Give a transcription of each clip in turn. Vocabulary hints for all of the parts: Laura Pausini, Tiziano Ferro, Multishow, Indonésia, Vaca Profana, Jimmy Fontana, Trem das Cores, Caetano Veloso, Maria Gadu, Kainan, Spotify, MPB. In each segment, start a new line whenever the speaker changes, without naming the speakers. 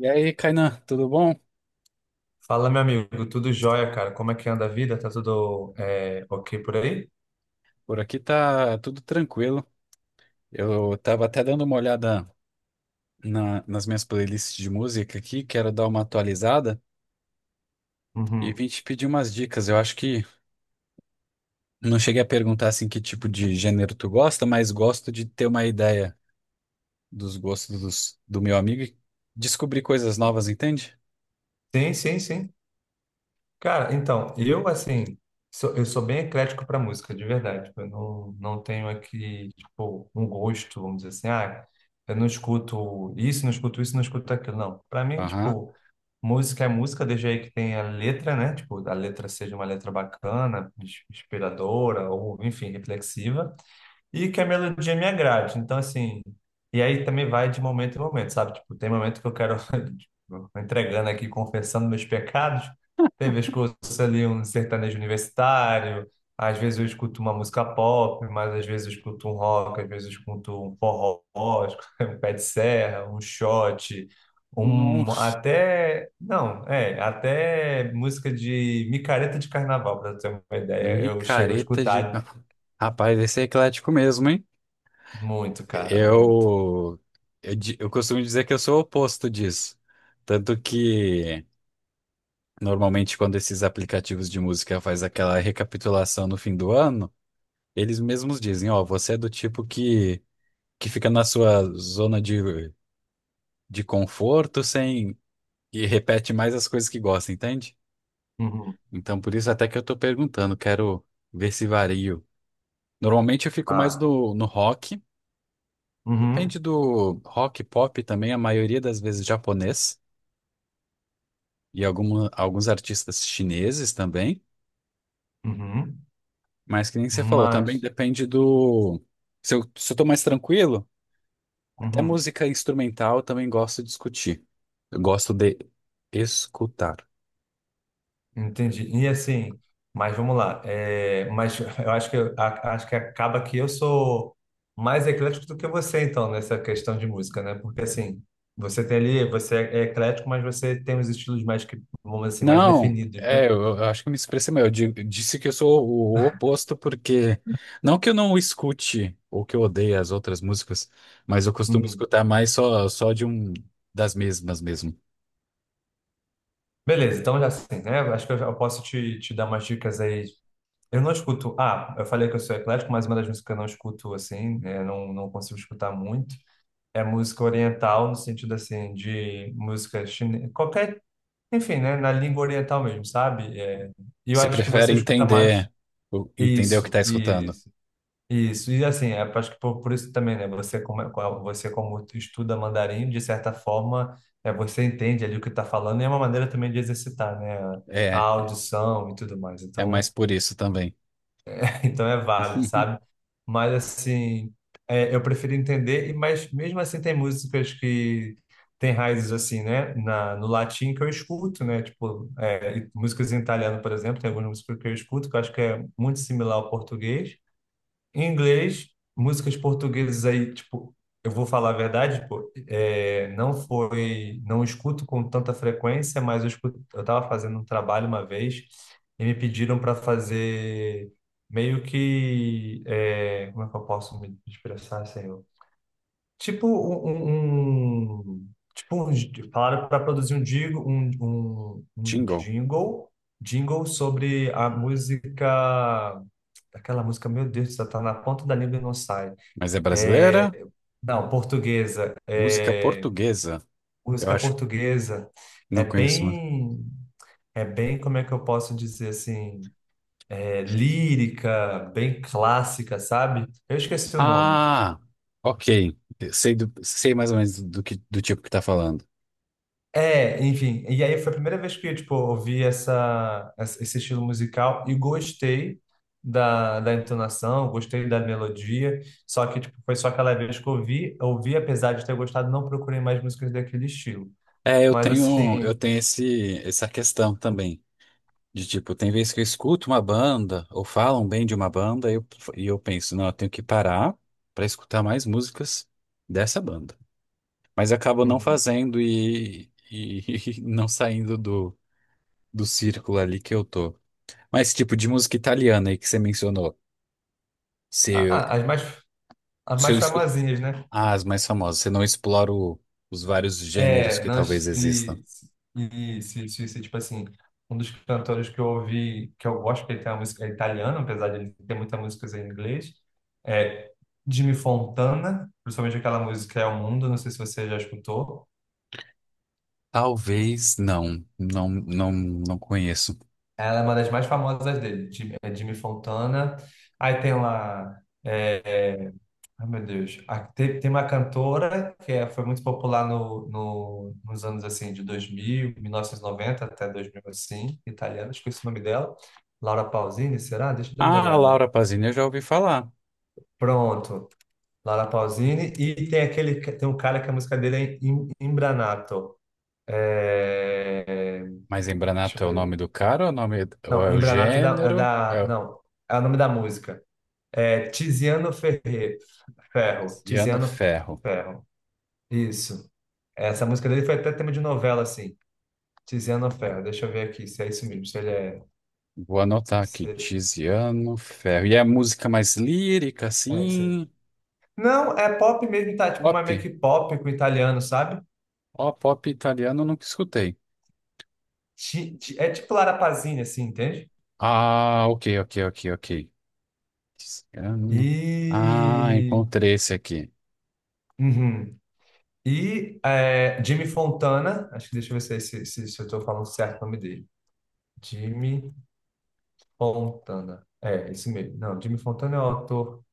E aí, Kainan, tudo bom?
Fala, meu amigo, tudo jóia, cara? Como é que anda a vida? Tá tudo ok por aí?
Por aqui tá tudo tranquilo. Eu tava até dando uma olhada nas minhas playlists de música aqui, quero dar uma atualizada e
Uhum.
vim te pedir umas dicas. Eu acho que não cheguei a perguntar assim que tipo de gênero tu gosta, mas gosto de ter uma ideia dos gostos do meu amigo e descobrir coisas novas, entende?
Sim, sim, sim. Cara, então, eu, assim, eu sou bem eclético para música, de verdade. Eu não tenho aqui, tipo, um gosto, vamos dizer assim, ah, eu não escuto isso, não escuto isso, não escuto aquilo. Não, para mim,
Aham.
tipo, música é música, desde aí que tem a letra, né? Tipo, a letra seja uma letra bacana, inspiradora, ou, enfim, reflexiva. E que a melodia me agrade. Então, assim, e aí também vai de momento em momento, sabe? Tipo, tem momento que eu quero, tipo, entregando aqui, confessando meus pecados. Tem vezes que eu ouço ali um sertanejo universitário, às vezes eu escuto uma música pop, mas às vezes eu escuto um rock, às vezes eu escuto um forró, um pé de serra, um shot, um
Nossa,
até, não, até música de micareta de carnaval, para ter uma ideia, eu chego a
micareta de.
escutar
Rapaz, esse é eclético mesmo, hein?
muito, cara, muito.
Eu, eu costumo dizer que eu sou o oposto disso. Tanto que, normalmente, quando esses aplicativos de música faz aquela recapitulação no fim do ano, eles mesmos dizem, ó, você é do tipo que fica na sua zona de conforto sem, e repete mais as coisas que gosta, entende?
Uhum.
Então, por isso até que eu tô perguntando, quero ver se vario. Normalmente eu fico mais
Ah,
no rock, depende
uhum,
do rock, pop também, a maioria das vezes japonês. E alguma, alguns artistas chineses também,
uhum,
mas que nem você falou, também
mas,
depende do. Se eu tô mais tranquilo, até
uhum,
música instrumental eu também gosto de discutir. Eu gosto de escutar.
entendi. E assim, mas vamos lá. Mas eu acho que acho que acaba que eu sou mais eclético do que você, então, nessa questão de música, né? Porque assim, você tem ali, você é eclético, mas você tem os estilos mais que, vamos dizer assim, mais
Não,
definidos, né?
é, eu acho que eu me expressei mal. Disse que eu sou o oposto, porque não que eu não escute ou que eu odeie as outras músicas, mas eu costumo
Uhum.
escutar mais só de um das mesmas mesmo.
Beleza, então já assim, né? Acho que eu posso te dar umas dicas aí. Eu não escuto. Ah, eu falei que eu sou eclético, mas uma das músicas que eu não escuto assim, né? Não consigo escutar muito. É música oriental, no sentido assim, de música chinesa, qualquer, enfim, né, na língua oriental mesmo, sabe? E eu
Você
acho que
prefere
você escuta mais.
entender, entender o que tá
Isso,
escutando.
isso, isso. E assim, acho que por isso também, né, você como estuda mandarim, de certa forma, você entende ali o que está falando e é uma maneira também de exercitar, né, a
É.
audição e tudo mais.
É mais
Então,
por isso também.
então é válido, sabe? Mas assim, eu prefiro entender, mas mesmo assim tem músicas que têm raízes assim, né? No latim que eu escuto, né? Tipo, e músicas em italiano, por exemplo, tem algumas músicas que eu escuto que eu acho que é muito similar ao português em inglês. Músicas portuguesas aí, tipo, eu vou falar a verdade, pô, não foi, não escuto com tanta frequência, mas eu escuto. Eu estava fazendo um trabalho uma vez e me pediram para fazer meio que, como é que eu posso me expressar, senhor? Falaram para produzir um jingle, um
Jingle.
jingle, jingle sobre a música. Aquela música, meu Deus, do céu, tá na ponta da língua e não sai.
Mas é brasileira?
É, não, portuguesa.
Música portuguesa. Eu
Música
acho que
portuguesa é
não conheço muito.
bem, é bem, como é que eu posso dizer assim, lírica, bem clássica, sabe? Eu esqueci o nome.
Ah, ok. Sei, sei mais ou menos do que do tipo que tá falando.
Enfim, e aí foi a primeira vez que, tipo, ouvi esse estilo musical e gostei da entonação, gostei da melodia. Só que, tipo, foi só aquela vez que eu ouvi, ouvi, apesar de ter gostado, não procurei mais músicas daquele estilo.
É, eu
Mas,
tenho eu
assim,
tenho esse essa questão também. De tipo, tem vezes que eu escuto uma banda ou falam bem de uma banda e eu penso, não, eu tenho que parar para escutar mais músicas dessa banda. Mas acabo não
uhum.
fazendo e não saindo do círculo ali que eu tô. Mas tipo de música italiana aí que você mencionou,
Ah,
se,
as mais, as
se
mais
eu escu...
famosinhas, né?
Ah, as mais famosas, você não explora os vários gêneros
É,
que talvez
nós
existam.
e, e se, tipo assim, um dos cantores que eu ouvi, que eu gosto, que ele tem uma música italiana, apesar de ele ter muita música em inglês, é Jimmy Fontana, principalmente aquela música É o Mundo, não sei se você já escutou.
Talvez não conheço.
Ela é uma das mais famosas dele, Jimmy, é Jimmy Fontana. Aí tem lá é, ai, meu Deus. Ah, tem uma cantora que é, foi muito popular nos anos assim de dois mil mil novecentos e noventa até 2000 assim, italiana, esqueci o nome dela. Laura Pausini, será? Deixa eu dar uma
Ah, a
olhada.
Laura Pausini eu já ouvi falar,
Pronto, Laura Pausini. E tem um cara que a música dele é Imbranato. É,
mas
deixa eu
Embranato é o
ver.
nome do cara, ou é o nome ou é
Não,
o
Imbranato
gênero? É o
não, é o nome da música. É Tiziano Ferro.
Tiziano
Tiziano
Ferro.
Ferro. Isso. Essa música dele foi até tema de novela, assim. Tiziano Ferro. Deixa eu ver aqui se é isso mesmo. Se ele é.
Vou anotar aqui,
Se...
Tiziano Ferro. E é música mais lírica,
É isso aí.
assim,
Não, é pop mesmo, tá? Tipo uma
pop.
meio que pop com italiano, sabe?
Ó, pop italiano eu nunca escutei.
É tipo Lara Pazzini, assim, entende?
Ah, ok. Desgrama. Ah,
E.
encontrei esse aqui.
Uhum. E Jimmy Fontana. Acho que deixa eu ver se, é esse- se eu tô falando certo o nome dele. Jimmy Fontana. É, isso mesmo. Não, Jimmy Fontana é o autor.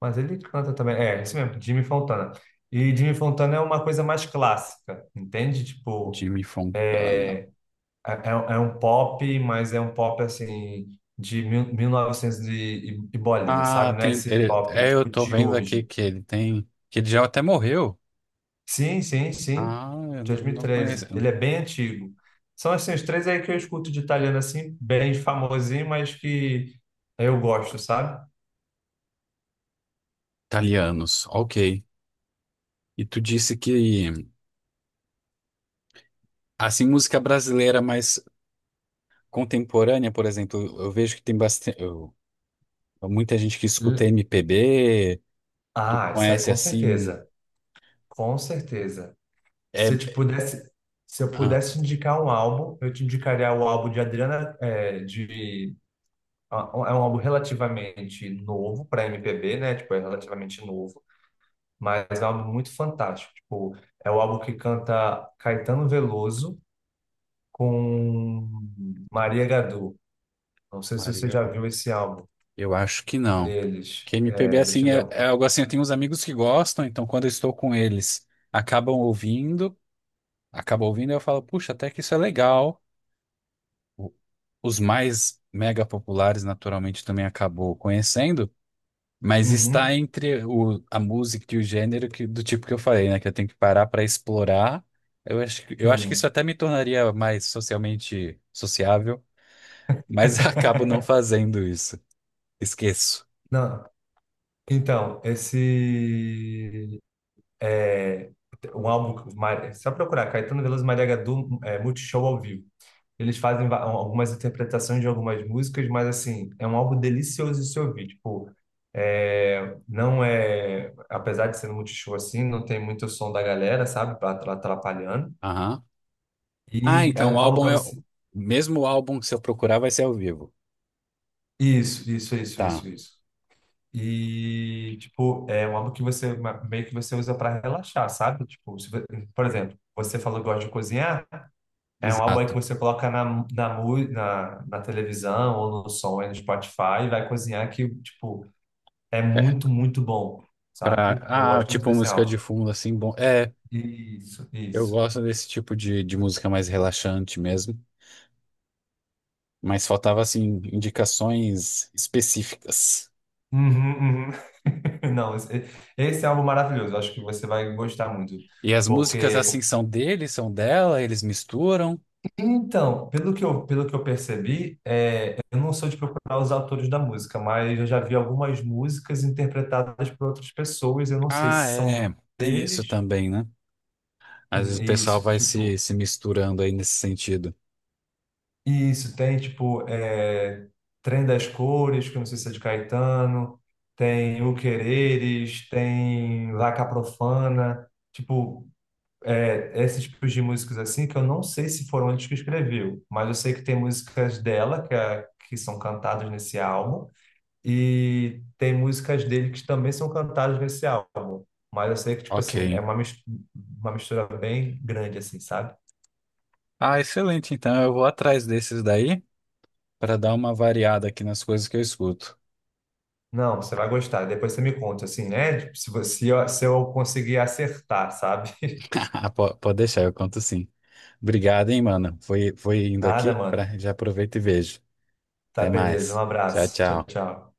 Mas ele canta também. É, isso mesmo, Jimmy Fontana. E Jimmy Fontana é uma coisa mais clássica, entende? Tipo,
Jimmy Fontana.
é, é um pop, mas é um pop assim de 1900 e bolinha, sabe?
Ah,
Não é
tem.
esse pop
É, eu
tipo
tô
de
vendo aqui
hoje.
que ele tem. Que ele já até morreu.
Sim, sim, sim. De
Ah, eu não
dois mil e
não conheço.
treze Ele é bem antigo. São assim, os três aí que eu escuto de italiano assim, bem famosinho, mas que eu gosto, sabe?
Italianos, ok. E tu disse que, assim, música brasileira mais contemporânea, por exemplo, eu vejo que tem bastante. Muita gente que escuta
L-
MPB. Tu
Ah, isso aí
conhece
com
assim.
certeza. Com certeza.
É,
Se eu te pudesse, se eu
ah,
pudesse indicar um álbum, eu te indicaria o álbum de Adriana, é um álbum relativamente novo para MPB, né? Tipo, é relativamente novo, mas é um álbum muito fantástico. Tipo, é o álbum que canta Caetano Veloso com Maria Gadu. Não sei se você
Maria.
já viu esse álbum
Eu acho que não.
deles.
Que MPB
É, deixa
assim
eu
é,
dar.
é algo assim, eu tenho uns amigos que gostam, então quando eu estou com eles, acabam ouvindo, acabam ouvindo, e eu falo, puxa, até que isso é legal. O- Os mais mega populares naturalmente também acabou conhecendo, mas está
Uhum,
entre a música e o gênero do tipo que eu falei, né, que eu tenho que parar para explorar. Eu eu acho que isso
sim.
até me tornaria mais socialmente sociável, mas acabo não fazendo isso. Esqueço.
Não. Então, esse é um álbum. Só procurar Caetano Veloso e Maria Gadu é, Multishow ao vivo. Eles fazem algumas interpretações de algumas músicas, mas assim, é um álbum delicioso de se ouvir. Tipo, não é. Apesar de ser no Multishow assim, não tem muito som da galera, sabe? Atrapalhando.
Aham. Ah,
E é
então o
um álbum
álbum
para
é.
você.
Mesmo o álbum que se eu procurar vai ser ao vivo.
Isso, isso, isso,
Tá,
isso, isso. E, tipo, é um álbum que você meio que você usa para relaxar, sabe? Tipo, se vo- por exemplo, você falou que gosta de cozinhar. É um álbum aí que
exato.
você coloca na televisão ou no som aí no Spotify e vai cozinhar que, tipo, é
É,
muito, muito bom, sabe?
pra...
Eu
Ah,
gosto muito
tipo
desse
música de
álbum.
fundo, assim, bom. É,
Isso,
eu
isso.
gosto desse tipo de música mais relaxante mesmo. Mas faltava, assim, indicações específicas.
Uhum, uhum. Não, esse é um álbum maravilhoso. Eu acho que você vai gostar muito.
E as músicas,
Porque,
assim, são dele, são dela, eles misturam.
então, pelo que eu percebi, eu não sou de procurar os autores da música, mas eu já vi algumas músicas interpretadas por outras pessoas. Eu não sei
Ah,
se são de-
é. Tem isso
deles
também, né? Às vezes o pessoal
Isso,
vai se,
tipo,
se misturando aí nesse sentido.
isso tem tipo Trem das Cores, que eu não sei se é de Caetano, tem O tem Vaca Profana. Tipo, é, esses tipos de músicas assim que eu não sei se foram eles que escreveu, mas eu sei que tem músicas dela que são cantadas nesse álbum e tem músicas dele que também são cantadas nesse álbum. Mas eu sei que, tipo
Ok.
assim, é uma mistura bem grande, assim, sabe?
Ah, excelente. Então eu vou atrás desses daí, para dar uma variada aqui nas coisas que eu escuto.
Não, você vai gostar. Depois você me conta, assim, né? Tipo, se eu conseguir acertar, sabe?
Ah, pode deixar, eu conto sim. Obrigado, hein, mano. Foi, foi indo
Nada,
aqui,
mano.
pra, já aproveito e vejo.
Tá,
Até
beleza. Um
mais. Tchau,
abraço. Tchau,
tchau.
tchau.